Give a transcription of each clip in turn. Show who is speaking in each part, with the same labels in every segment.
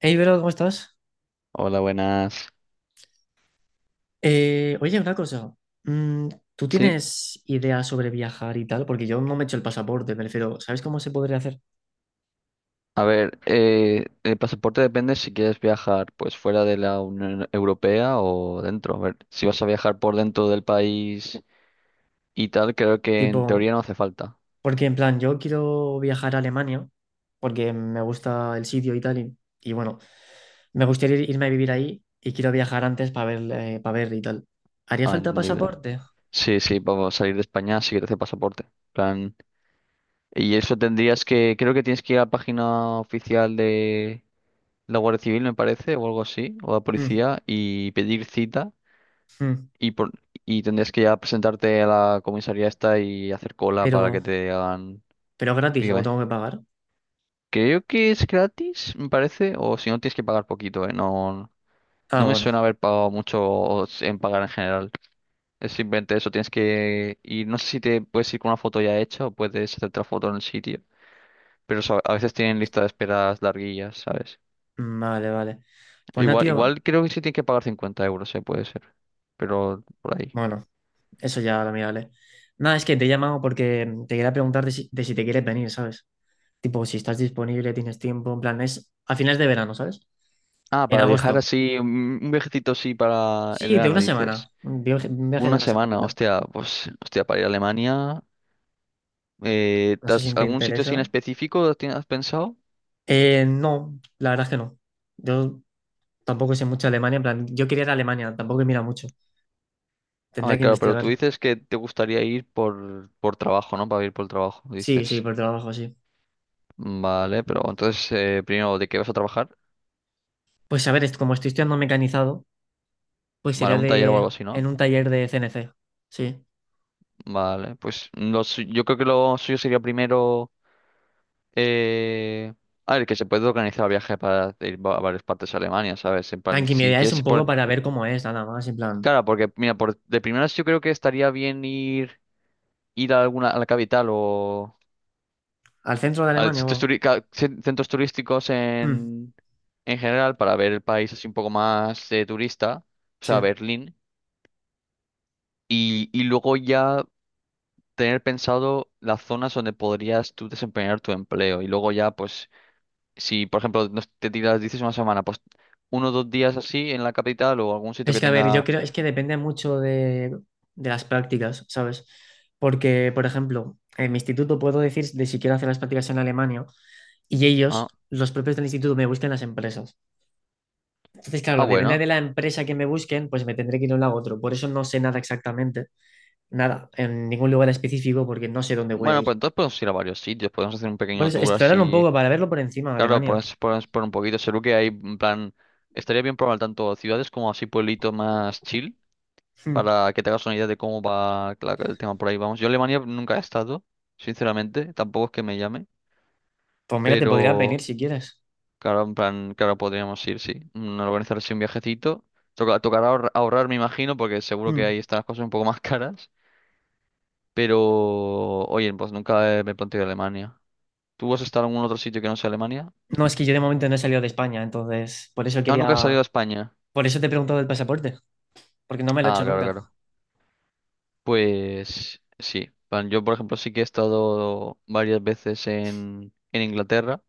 Speaker 1: Hey, Vero, ¿cómo estás?
Speaker 2: Hola, buenas.
Speaker 1: Oye, una cosa. Mm, ¿tú
Speaker 2: Sí,
Speaker 1: tienes ideas sobre viajar y tal? Porque yo no me he hecho el pasaporte, me refiero. ¿Sabes cómo se podría hacer?
Speaker 2: a ver, el pasaporte depende si quieres viajar pues fuera de la Unión Europea o dentro. A ver, si vas a viajar por dentro del país y tal, creo que en
Speaker 1: Tipo,
Speaker 2: teoría no hace falta.
Speaker 1: porque en plan, yo quiero viajar a Alemania porque me gusta el sitio y tal. Y bueno, me gustaría irme a vivir ahí y quiero viajar antes para ver, pa' ver y tal. ¿Haría
Speaker 2: Ah,
Speaker 1: falta
Speaker 2: entendible.
Speaker 1: pasaporte?
Speaker 2: Sí, sí, vamos a salir de España, sí que te hace pasaporte. Plan. Y eso tendrías que, creo que tienes que ir a la página oficial de la Guardia Civil, me parece, o algo así, o la
Speaker 1: Mm,
Speaker 2: policía, y pedir cita.
Speaker 1: mm,
Speaker 2: Y, por, y tendrías que ya presentarte a la comisaría esta y hacer cola para que
Speaker 1: Pero,
Speaker 2: te hagan...
Speaker 1: pero gratis o
Speaker 2: Dígame.
Speaker 1: tengo que pagar.
Speaker 2: Creo que es gratis, me parece, o si no tienes que pagar poquito, ¿eh? No,
Speaker 1: Ah,
Speaker 2: no me
Speaker 1: bueno.
Speaker 2: suena haber pagado mucho o en pagar en general. Es simplemente eso, tienes que ir, no sé si te puedes ir con una foto ya hecha o puedes hacer otra foto en el sitio, pero a veces tienen lista de esperas larguillas, ¿sabes?
Speaker 1: mm, Vale, vale. Pues nada,
Speaker 2: Igual,
Speaker 1: tío.
Speaker 2: igual creo que sí tienes que pagar 50 euros, ¿eh? Puede ser, pero por ahí.
Speaker 1: Bueno. Eso ya lo miraré. Nada, es que te he llamado porque te quería preguntar de si te quieres venir, ¿sabes? Tipo, si estás disponible, tienes tiempo, en plan, es a finales de verano, ¿sabes?
Speaker 2: Ah,
Speaker 1: En
Speaker 2: para viajar
Speaker 1: agosto.
Speaker 2: así, un viajecito así para el
Speaker 1: Sí, de
Speaker 2: verano,
Speaker 1: una semana.
Speaker 2: dices.
Speaker 1: Un viaje de
Speaker 2: Una
Speaker 1: una
Speaker 2: semana,
Speaker 1: semanita.
Speaker 2: hostia, pues, hostia, para ir a Alemania. eh,
Speaker 1: No
Speaker 2: ¿te
Speaker 1: sé si
Speaker 2: has-
Speaker 1: te
Speaker 2: Algún sitio así
Speaker 1: interesa.
Speaker 2: en específico has pensado?
Speaker 1: No, la verdad es que no. Yo tampoco sé mucho de Alemania, en plan, yo quería ir a Alemania, tampoco he mirado mucho.
Speaker 2: A
Speaker 1: Tendría
Speaker 2: ver,
Speaker 1: que
Speaker 2: claro, pero tú
Speaker 1: investigar.
Speaker 2: dices que te gustaría ir por trabajo, ¿no? Para ir por el trabajo,
Speaker 1: Sí, sí,
Speaker 2: dices.
Speaker 1: por trabajo, sí.
Speaker 2: Vale, pero entonces, primero, ¿de qué vas a trabajar?
Speaker 1: Pues a ver, como estoy estudiando mecanizado, pues
Speaker 2: Vale,
Speaker 1: sería
Speaker 2: un taller o
Speaker 1: de
Speaker 2: algo así, ¿no?
Speaker 1: en un taller de CNC. Sí.
Speaker 2: Vale, pues yo creo que lo suyo sería primero... Eh, a ver, que se puede organizar el viaje para ir a varias partes de Alemania, ¿sabes? En plan, si
Speaker 1: Tranquimidad es
Speaker 2: quieres.
Speaker 1: un poco para ver cómo es, nada más, en plan,
Speaker 2: Claro, porque mira, de primeras yo creo que estaría bien ir, ir a alguna, a la capital o
Speaker 1: al centro de
Speaker 2: a
Speaker 1: Alemania,
Speaker 2: sitios
Speaker 1: wow.
Speaker 2: centros turísticos
Speaker 1: Mm,
Speaker 2: en general para ver el país así un poco más, turista, o sea,
Speaker 1: sí.
Speaker 2: Berlín, y luego ya tener pensado las zonas donde podrías tú desempeñar tu empleo. Y luego ya, pues, si por ejemplo te tiras, dices una semana, pues 1 o 2 días así en la capital o algún sitio
Speaker 1: Es
Speaker 2: que
Speaker 1: que, a ver, yo
Speaker 2: tenga...
Speaker 1: creo, es que depende mucho de las prácticas, ¿sabes? Porque, por ejemplo, en mi instituto puedo decir de si quiero hacer las prácticas en Alemania y ellos,
Speaker 2: Ah,
Speaker 1: los propios del instituto, me buscan las empresas. Entonces,
Speaker 2: ah,
Speaker 1: claro, depende
Speaker 2: bueno.
Speaker 1: de la empresa que me busquen, pues me tendré que ir a un lado a otro. Por eso no sé nada exactamente, nada, en ningún lugar específico, porque no sé dónde voy a
Speaker 2: Bueno,
Speaker 1: ir.
Speaker 2: pues entonces podemos ir a varios sitios, podemos hacer un
Speaker 1: Por
Speaker 2: pequeño
Speaker 1: eso,
Speaker 2: tour
Speaker 1: explorar un
Speaker 2: así.
Speaker 1: poco para verlo por encima, de
Speaker 2: Claro,
Speaker 1: Alemania.
Speaker 2: podemos por un poquito. Seguro que hay, en plan, estaría bien probar tanto ciudades como así pueblitos más chill,
Speaker 1: Mm.
Speaker 2: para que te hagas una idea de cómo va el tema por ahí. Vamos, yo a Alemania nunca he estado, sinceramente, tampoco es que me llame,
Speaker 1: Pues mira, te podría venir
Speaker 2: pero
Speaker 1: si quieres.
Speaker 2: claro, en plan, claro, podríamos ir, sí. Organizar así un viajecito. Tocará ahorrar, me imagino, porque seguro que
Speaker 1: Mm.
Speaker 2: ahí están las cosas un poco más caras. Pero, oye, pues nunca me he planteado Alemania. ¿Tú has estado en algún otro sitio que no sea Alemania?
Speaker 1: No, es que yo de momento no he salido de España, entonces por eso
Speaker 2: Ah, nunca has
Speaker 1: quería,
Speaker 2: salido a España.
Speaker 1: por eso te he preguntado del pasaporte, porque no me lo he
Speaker 2: Ah,
Speaker 1: hecho
Speaker 2: claro,
Speaker 1: nunca.
Speaker 2: claro. Pues sí. Bueno, yo, por ejemplo, sí que he estado varias veces en Inglaterra.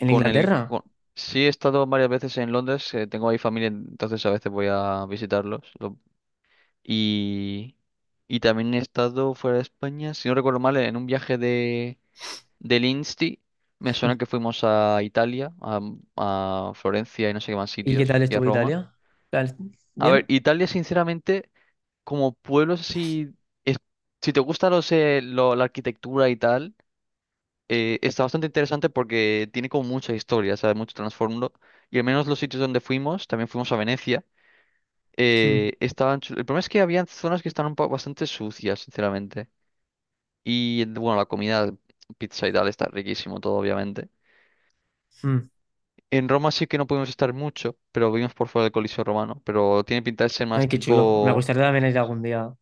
Speaker 1: ¿En
Speaker 2: Con el,
Speaker 1: Inglaterra?
Speaker 2: con- Sí he estado varias veces en Londres. Tengo ahí familia, entonces a veces voy a visitarlos. Y, y también he estado fuera de España, si no recuerdo mal, en un viaje del Insti. Me suena que fuimos a Italia, a Florencia y no sé qué más
Speaker 1: ¿Y qué
Speaker 2: sitios,
Speaker 1: tal
Speaker 2: y a
Speaker 1: estuvo
Speaker 2: Roma.
Speaker 1: Italia? ¿Tal-
Speaker 2: A ver,
Speaker 1: ¿Bien?
Speaker 2: Italia, sinceramente, como pueblo, si, es- si te gusta la arquitectura y tal, está bastante interesante porque tiene como mucha historia, ¿sabes? Mucho trasfondo. Y al menos los sitios donde fuimos, también fuimos a Venecia,
Speaker 1: Mm,
Speaker 2: el problema es que había zonas que estaban bastante sucias, sinceramente. Y bueno, la comida, pizza y tal, está riquísimo todo, obviamente.
Speaker 1: mm.
Speaker 2: En Roma sí que no pudimos estar mucho, pero vimos por fuera del Coliseo Romano, pero tiene pinta de ser más
Speaker 1: Ay, qué chulo. Me
Speaker 2: tipo...
Speaker 1: gustaría también ir algún día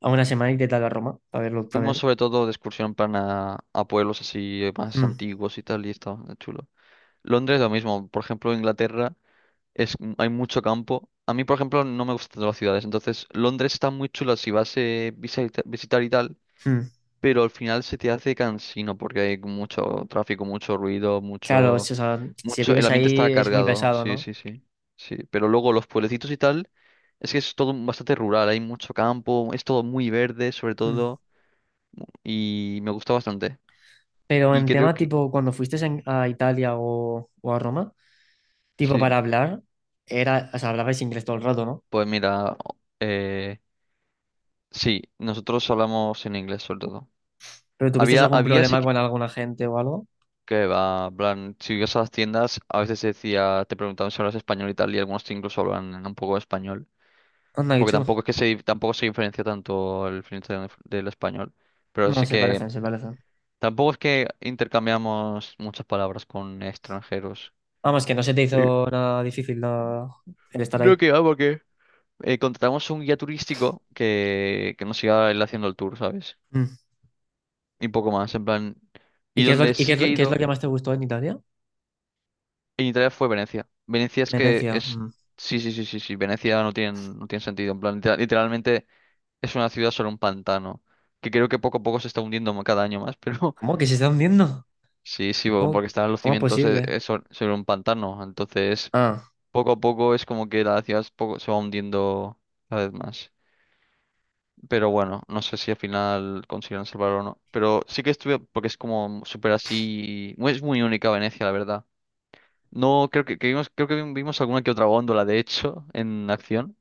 Speaker 1: a una semana y qué tal a Roma, para verlo
Speaker 2: Fuimos
Speaker 1: también.
Speaker 2: sobre todo de excursión plan a pueblos así, más
Speaker 1: Mm,
Speaker 2: antiguos y tal, y estaba chulo. Londres lo mismo, por ejemplo, Inglaterra hay mucho campo. A mí, por ejemplo, no me gustan tanto las ciudades, entonces Londres está muy chulo si vas a visitar y tal,
Speaker 1: mm.
Speaker 2: pero al final se te hace cansino porque hay mucho tráfico, mucho ruido,
Speaker 1: Claro, o
Speaker 2: mucho,
Speaker 1: sea, si
Speaker 2: mucho, el
Speaker 1: vives
Speaker 2: ambiente
Speaker 1: ahí
Speaker 2: está
Speaker 1: es muy
Speaker 2: cargado,
Speaker 1: pesado,
Speaker 2: sí,
Speaker 1: ¿no?
Speaker 2: sí, sí, sí. Pero luego los pueblecitos y tal, es que es todo bastante rural, hay mucho campo, es todo muy verde, sobre
Speaker 1: Mm.
Speaker 2: todo, y me gusta bastante.
Speaker 1: Pero
Speaker 2: Y
Speaker 1: en
Speaker 2: creo
Speaker 1: tema
Speaker 2: que
Speaker 1: tipo, cuando fuiste a Italia o a Roma, tipo
Speaker 2: sí,
Speaker 1: para hablar, era, o sea, hablabais inglés todo el rato, ¿no?
Speaker 2: pues mira, eh, sí, nosotros hablamos en inglés sobre todo.
Speaker 1: ¿Pero tuvisteis
Speaker 2: Había,
Speaker 1: algún
Speaker 2: había sí
Speaker 1: problema con alguna gente o algo?
Speaker 2: que va, en plan, si ibas a las tiendas, a veces se decía, te preguntaban si hablas español y tal, y algunos te incluso hablan en un poco de español,
Speaker 1: Anda, qué
Speaker 2: porque
Speaker 1: chulo.
Speaker 2: tampoco es que tampoco se diferencia tanto el francés del español, pero
Speaker 1: No,
Speaker 2: sí
Speaker 1: se
Speaker 2: que
Speaker 1: parecen, se parecen.
Speaker 2: tampoco es que intercambiamos muchas palabras con extranjeros.
Speaker 1: Vamos, que no se te
Speaker 2: Y
Speaker 1: hizo nada difícil el estar
Speaker 2: No
Speaker 1: ahí.
Speaker 2: que va, porque contratamos un guía turístico que nos iba él haciendo el tour, ¿sabes?
Speaker 1: Mm.
Speaker 2: Y poco más, en plan.
Speaker 1: ¿Y
Speaker 2: Y
Speaker 1: qué es
Speaker 2: donde sí que he
Speaker 1: qué es lo
Speaker 2: ido
Speaker 1: que más te gustó en Italia?
Speaker 2: en Italia fue Venecia. Venecia es que
Speaker 1: Venecia.
Speaker 2: es.
Speaker 1: Mm.
Speaker 2: Sí, sí, sí, sí, sí. Venecia no tiene, no tiene sentido. En plan, literalmente es una ciudad sobre un pantano. Que creo que poco a poco se está hundiendo cada año más, pero
Speaker 1: ¿Cómo? ¿Que se están viendo?
Speaker 2: sí, sí,
Speaker 1: ¿Cómo,
Speaker 2: porque están los
Speaker 1: ¿cómo es
Speaker 2: cimientos,
Speaker 1: posible?
Speaker 2: sobre un pantano. Entonces,
Speaker 1: Ah,
Speaker 2: poco a poco es como que la ciudad se va hundiendo cada vez más. Pero bueno, no sé si al final consiguen salvarlo o no. Pero sí que estuve, porque es como súper así. Es muy única Venecia, la verdad. No, creo que vimos, creo que vimos alguna que otra góndola, de hecho, en acción,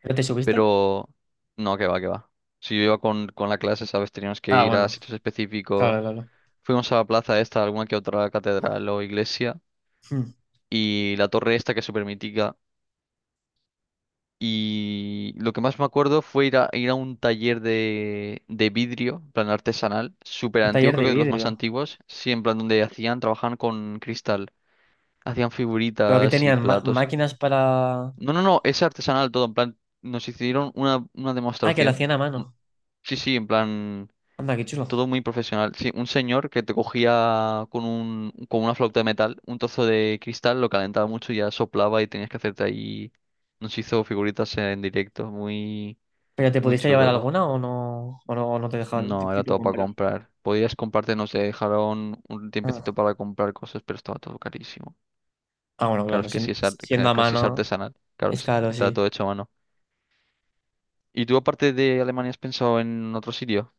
Speaker 1: ¿pero te subiste?
Speaker 2: pero no, que va, que va. Si yo iba con la clase, ¿sabes? Teníamos que
Speaker 1: Ah,
Speaker 2: ir a
Speaker 1: bueno,
Speaker 2: sitios específicos.
Speaker 1: claro, claro.
Speaker 2: Fuimos a la plaza esta, alguna que otra catedral o iglesia,
Speaker 1: Mm.
Speaker 2: y la torre esta que es súper mítica. Y lo que más me acuerdo fue ir a un taller de vidrio, en plan artesanal, súper
Speaker 1: Un
Speaker 2: antiguo,
Speaker 1: taller
Speaker 2: creo
Speaker 1: de
Speaker 2: que de los más
Speaker 1: vidrio.
Speaker 2: antiguos, sí, en plan donde hacían, trabajaban con cristal, hacían
Speaker 1: ¿Pero que
Speaker 2: figuritas y
Speaker 1: tenían?
Speaker 2: platos.
Speaker 1: ¿Máquinas para...?
Speaker 2: No, no, no, es artesanal todo, en plan, nos hicieron una
Speaker 1: Ah, que lo
Speaker 2: demostración.
Speaker 1: hacían a
Speaker 2: Un-
Speaker 1: mano.
Speaker 2: Sí, sí, en plan,
Speaker 1: Anda, qué chulo.
Speaker 2: todo muy profesional. Sí, un señor que te cogía con una flauta de metal, un trozo de cristal, lo calentaba mucho y ya soplaba y tenías que hacerte ahí. Nos hizo figuritas en directo, muy,
Speaker 1: ¿Pero te
Speaker 2: muy
Speaker 1: pudiste
Speaker 2: chulo
Speaker 1: llevar
Speaker 2: todo.
Speaker 1: alguna o no, o no, o no te dejaban
Speaker 2: No, era
Speaker 1: tipo
Speaker 2: todo para
Speaker 1: comprar?
Speaker 2: comprar. Podías comprarte, no sé dejaron un
Speaker 1: Ah,
Speaker 2: tiempecito para comprar cosas, pero estaba todo carísimo.
Speaker 1: Ah, bueno,
Speaker 2: Claro,
Speaker 1: claro,
Speaker 2: es que sí es,
Speaker 1: siendo a
Speaker 2: que si es
Speaker 1: mano...
Speaker 2: artesanal, claro,
Speaker 1: Es
Speaker 2: sí,
Speaker 1: caro,
Speaker 2: estaba
Speaker 1: sí.
Speaker 2: todo hecho a mano. ¿Y tú aparte de Alemania has pensado en otro sitio?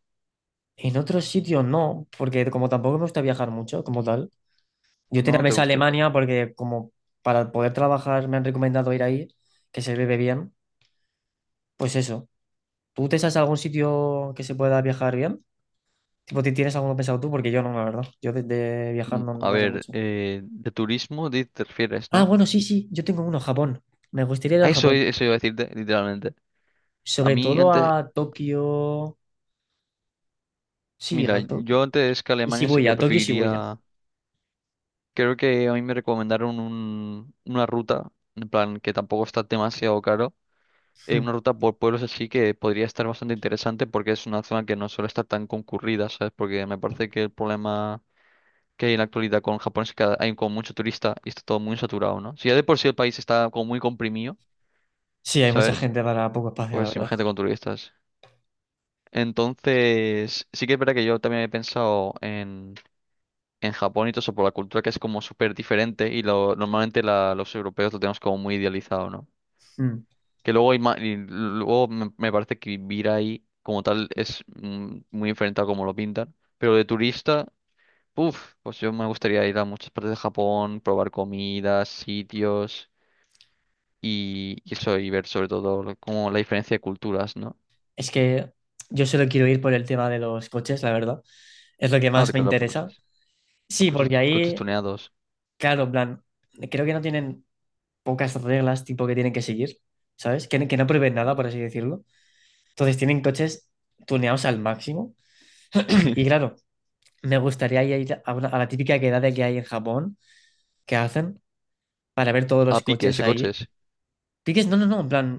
Speaker 1: En otros sitios no, porque como tampoco me gusta viajar mucho, como tal. Yo tenía
Speaker 2: ¿No? ¿Te
Speaker 1: pensado
Speaker 2: gusta viajar?
Speaker 1: Alemania porque como para poder trabajar me han recomendado ir ahí, que se vive bien. Pues eso. ¿Tú te sabes algún sitio que se pueda viajar bien? Tipo, ¿tienes alguno pensado tú? Porque yo no, la verdad. Yo de viajar no,
Speaker 2: A
Speaker 1: no sé
Speaker 2: ver,
Speaker 1: mucho.
Speaker 2: de turismo te refieres,
Speaker 1: Ah,
Speaker 2: ¿no?
Speaker 1: bueno, sí, sí. Yo tengo uno, Japón. Me gustaría ir a
Speaker 2: A Eso,
Speaker 1: Japón.
Speaker 2: eso iba a decirte, literalmente. A
Speaker 1: Sobre
Speaker 2: mí
Speaker 1: todo
Speaker 2: antes,
Speaker 1: a Tokio. Sí,
Speaker 2: mira,
Speaker 1: a Tokio.
Speaker 2: yo antes que
Speaker 1: Y
Speaker 2: Alemania sí
Speaker 1: Shibuya,
Speaker 2: que
Speaker 1: a Tokio y Shibuya.
Speaker 2: preferiría, creo que a mí me recomendaron una ruta, en plan que tampoco está demasiado caro, una
Speaker 1: Mm.
Speaker 2: ruta por pueblos así que podría estar bastante interesante porque es una zona que no suele estar tan concurrida, ¿sabes? Porque me parece que el problema que hay en la actualidad con Japón es que hay como mucho turista y está todo muy saturado, ¿no? Si ya de por sí el país está como muy comprimido,
Speaker 1: Sí, hay mucha
Speaker 2: ¿sabes?
Speaker 1: gente para poco espacio, la
Speaker 2: Pues
Speaker 1: verdad.
Speaker 2: imagínate con turistas. Entonces, sí que es verdad que yo también he pensado en Japón y todo eso por la cultura que es como súper diferente y normalmente los europeos lo tenemos como muy idealizado, ¿no?
Speaker 1: Mm.
Speaker 2: Que luego, y luego me parece que vivir ahí como tal es, muy diferente a como lo pintan, pero de turista... Uf, pues yo me gustaría ir a muchas partes de Japón, probar comidas, sitios y eso, y ver sobre todo como la diferencia de culturas, ¿no?
Speaker 1: Es que yo solo quiero ir por el tema de los coches, la verdad. Es lo que
Speaker 2: Ah,
Speaker 1: más
Speaker 2: te
Speaker 1: me
Speaker 2: claro, por
Speaker 1: interesa.
Speaker 2: coches.
Speaker 1: Sí,
Speaker 2: Coches,
Speaker 1: porque
Speaker 2: coches
Speaker 1: ahí,
Speaker 2: tuneados.
Speaker 1: claro, en plan, creo que no tienen pocas reglas tipo que tienen que seguir, ¿sabes? Que no prohíben nada, por así decirlo. Entonces tienen coches tuneados al máximo. Y claro, me gustaría ir a, a la típica quedada que hay en Japón, que hacen para ver todos
Speaker 2: A
Speaker 1: los
Speaker 2: piques
Speaker 1: coches
Speaker 2: de
Speaker 1: ahí.
Speaker 2: coches.
Speaker 1: Piques, no, no, no, en plan,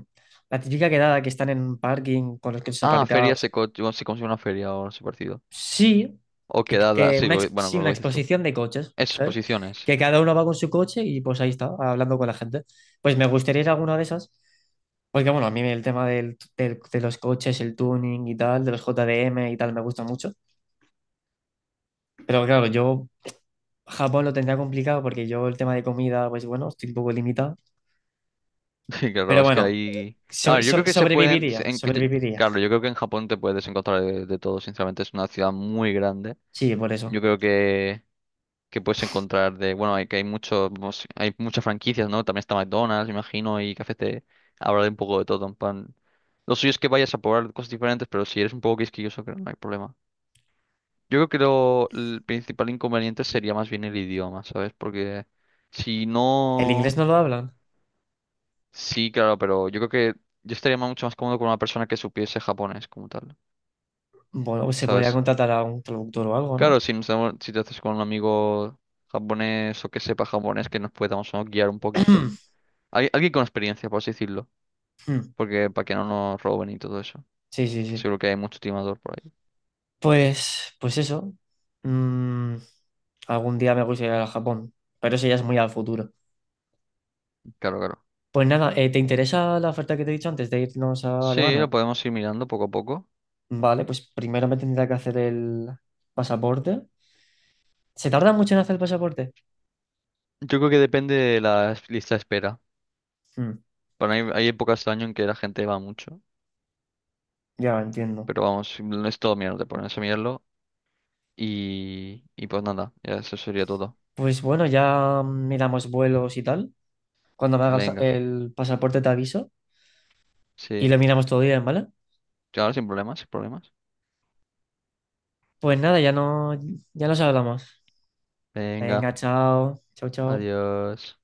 Speaker 1: la típica quedada que están en un parking con los coches
Speaker 2: Ah, ferias
Speaker 1: aparcados.
Speaker 2: de coches. Bueno, sí, como si fuera una feria o algo así parecido.
Speaker 1: Sí,
Speaker 2: O quedadas, sí, lo bueno,
Speaker 1: sí,
Speaker 2: con lo
Speaker 1: una
Speaker 2: que dices tú.
Speaker 1: exposición de coches, ¿sabes?
Speaker 2: Exposiciones.
Speaker 1: Que cada uno va con su coche y pues ahí está, hablando con la gente. Pues me gustaría ir a alguna de esas, porque bueno, a mí el tema de los coches, el tuning y tal, de los JDM y tal, me gusta mucho. Pero claro, yo Japón lo tendría complicado porque yo el tema de comida, pues bueno, estoy un poco limitado.
Speaker 2: Sí, claro,
Speaker 1: Pero
Speaker 2: es que
Speaker 1: bueno,
Speaker 2: ahí. A ver, yo creo que se pueden.
Speaker 1: sobreviviría, sobreviviría.
Speaker 2: Claro, yo creo que en Japón te puedes encontrar de todo, sinceramente. Es una ciudad muy grande.
Speaker 1: Sí, por eso.
Speaker 2: Yo creo que puedes encontrar de, bueno, hay que hay muchos, vamos, hay muchas franquicias, ¿no? También está McDonald's, imagino, y cafés de hablar un poco de todo, en plan. Lo suyo es que vayas a probar cosas diferentes, pero si eres un poco quisquilloso, creo que no hay problema. Yo creo que el principal inconveniente sería más bien el idioma, ¿sabes? Porque si
Speaker 1: ¿El inglés
Speaker 2: no,
Speaker 1: no lo hablan?
Speaker 2: sí, claro, pero yo creo que yo estaría mucho más cómodo con una persona que supiese japonés como tal,
Speaker 1: Bueno, pues se podría
Speaker 2: ¿sabes?
Speaker 1: contratar a un traductor o algo, ¿no?
Speaker 2: Claro, si, si te haces con un amigo japonés o que sepa japonés, que nos podamos, ¿no? guiar un poquito. Alguien con experiencia, por así decirlo.
Speaker 1: Mm,
Speaker 2: Porque para que no nos roben y todo eso.
Speaker 1: Sí, sí,
Speaker 2: Que
Speaker 1: sí.
Speaker 2: seguro que hay mucho timador por ahí.
Speaker 1: Pues, pues eso. Mm, algún día me gustaría ir a Japón, pero eso ya es muy al futuro.
Speaker 2: Claro, claro.
Speaker 1: Pues nada, ¿te interesa la oferta que te he dicho antes de irnos a
Speaker 2: Sí, lo
Speaker 1: Alemania?
Speaker 2: podemos ir mirando poco a poco.
Speaker 1: Vale, pues primero me tendría que hacer el pasaporte. ¿Se tarda mucho en hacer el pasaporte?
Speaker 2: Yo creo que depende de la lista de espera.
Speaker 1: Mm,
Speaker 2: Para mí hay épocas del año en que la gente va mucho.
Speaker 1: ya entiendo.
Speaker 2: Pero vamos, no es todo mierda, te pones a mirarlo. Y pues nada, ya eso sería todo.
Speaker 1: Pues bueno, ya miramos vuelos y tal. Cuando me hagas
Speaker 2: Venga,
Speaker 1: el pasaporte te aviso y
Speaker 2: sí.
Speaker 1: lo miramos todo bien, ¿vale?
Speaker 2: Claro, sin problemas, sin problemas.
Speaker 1: Pues nada, ya no, ya nos hablamos. Venga,
Speaker 2: Venga,
Speaker 1: chao. Chao, chao.
Speaker 2: adiós.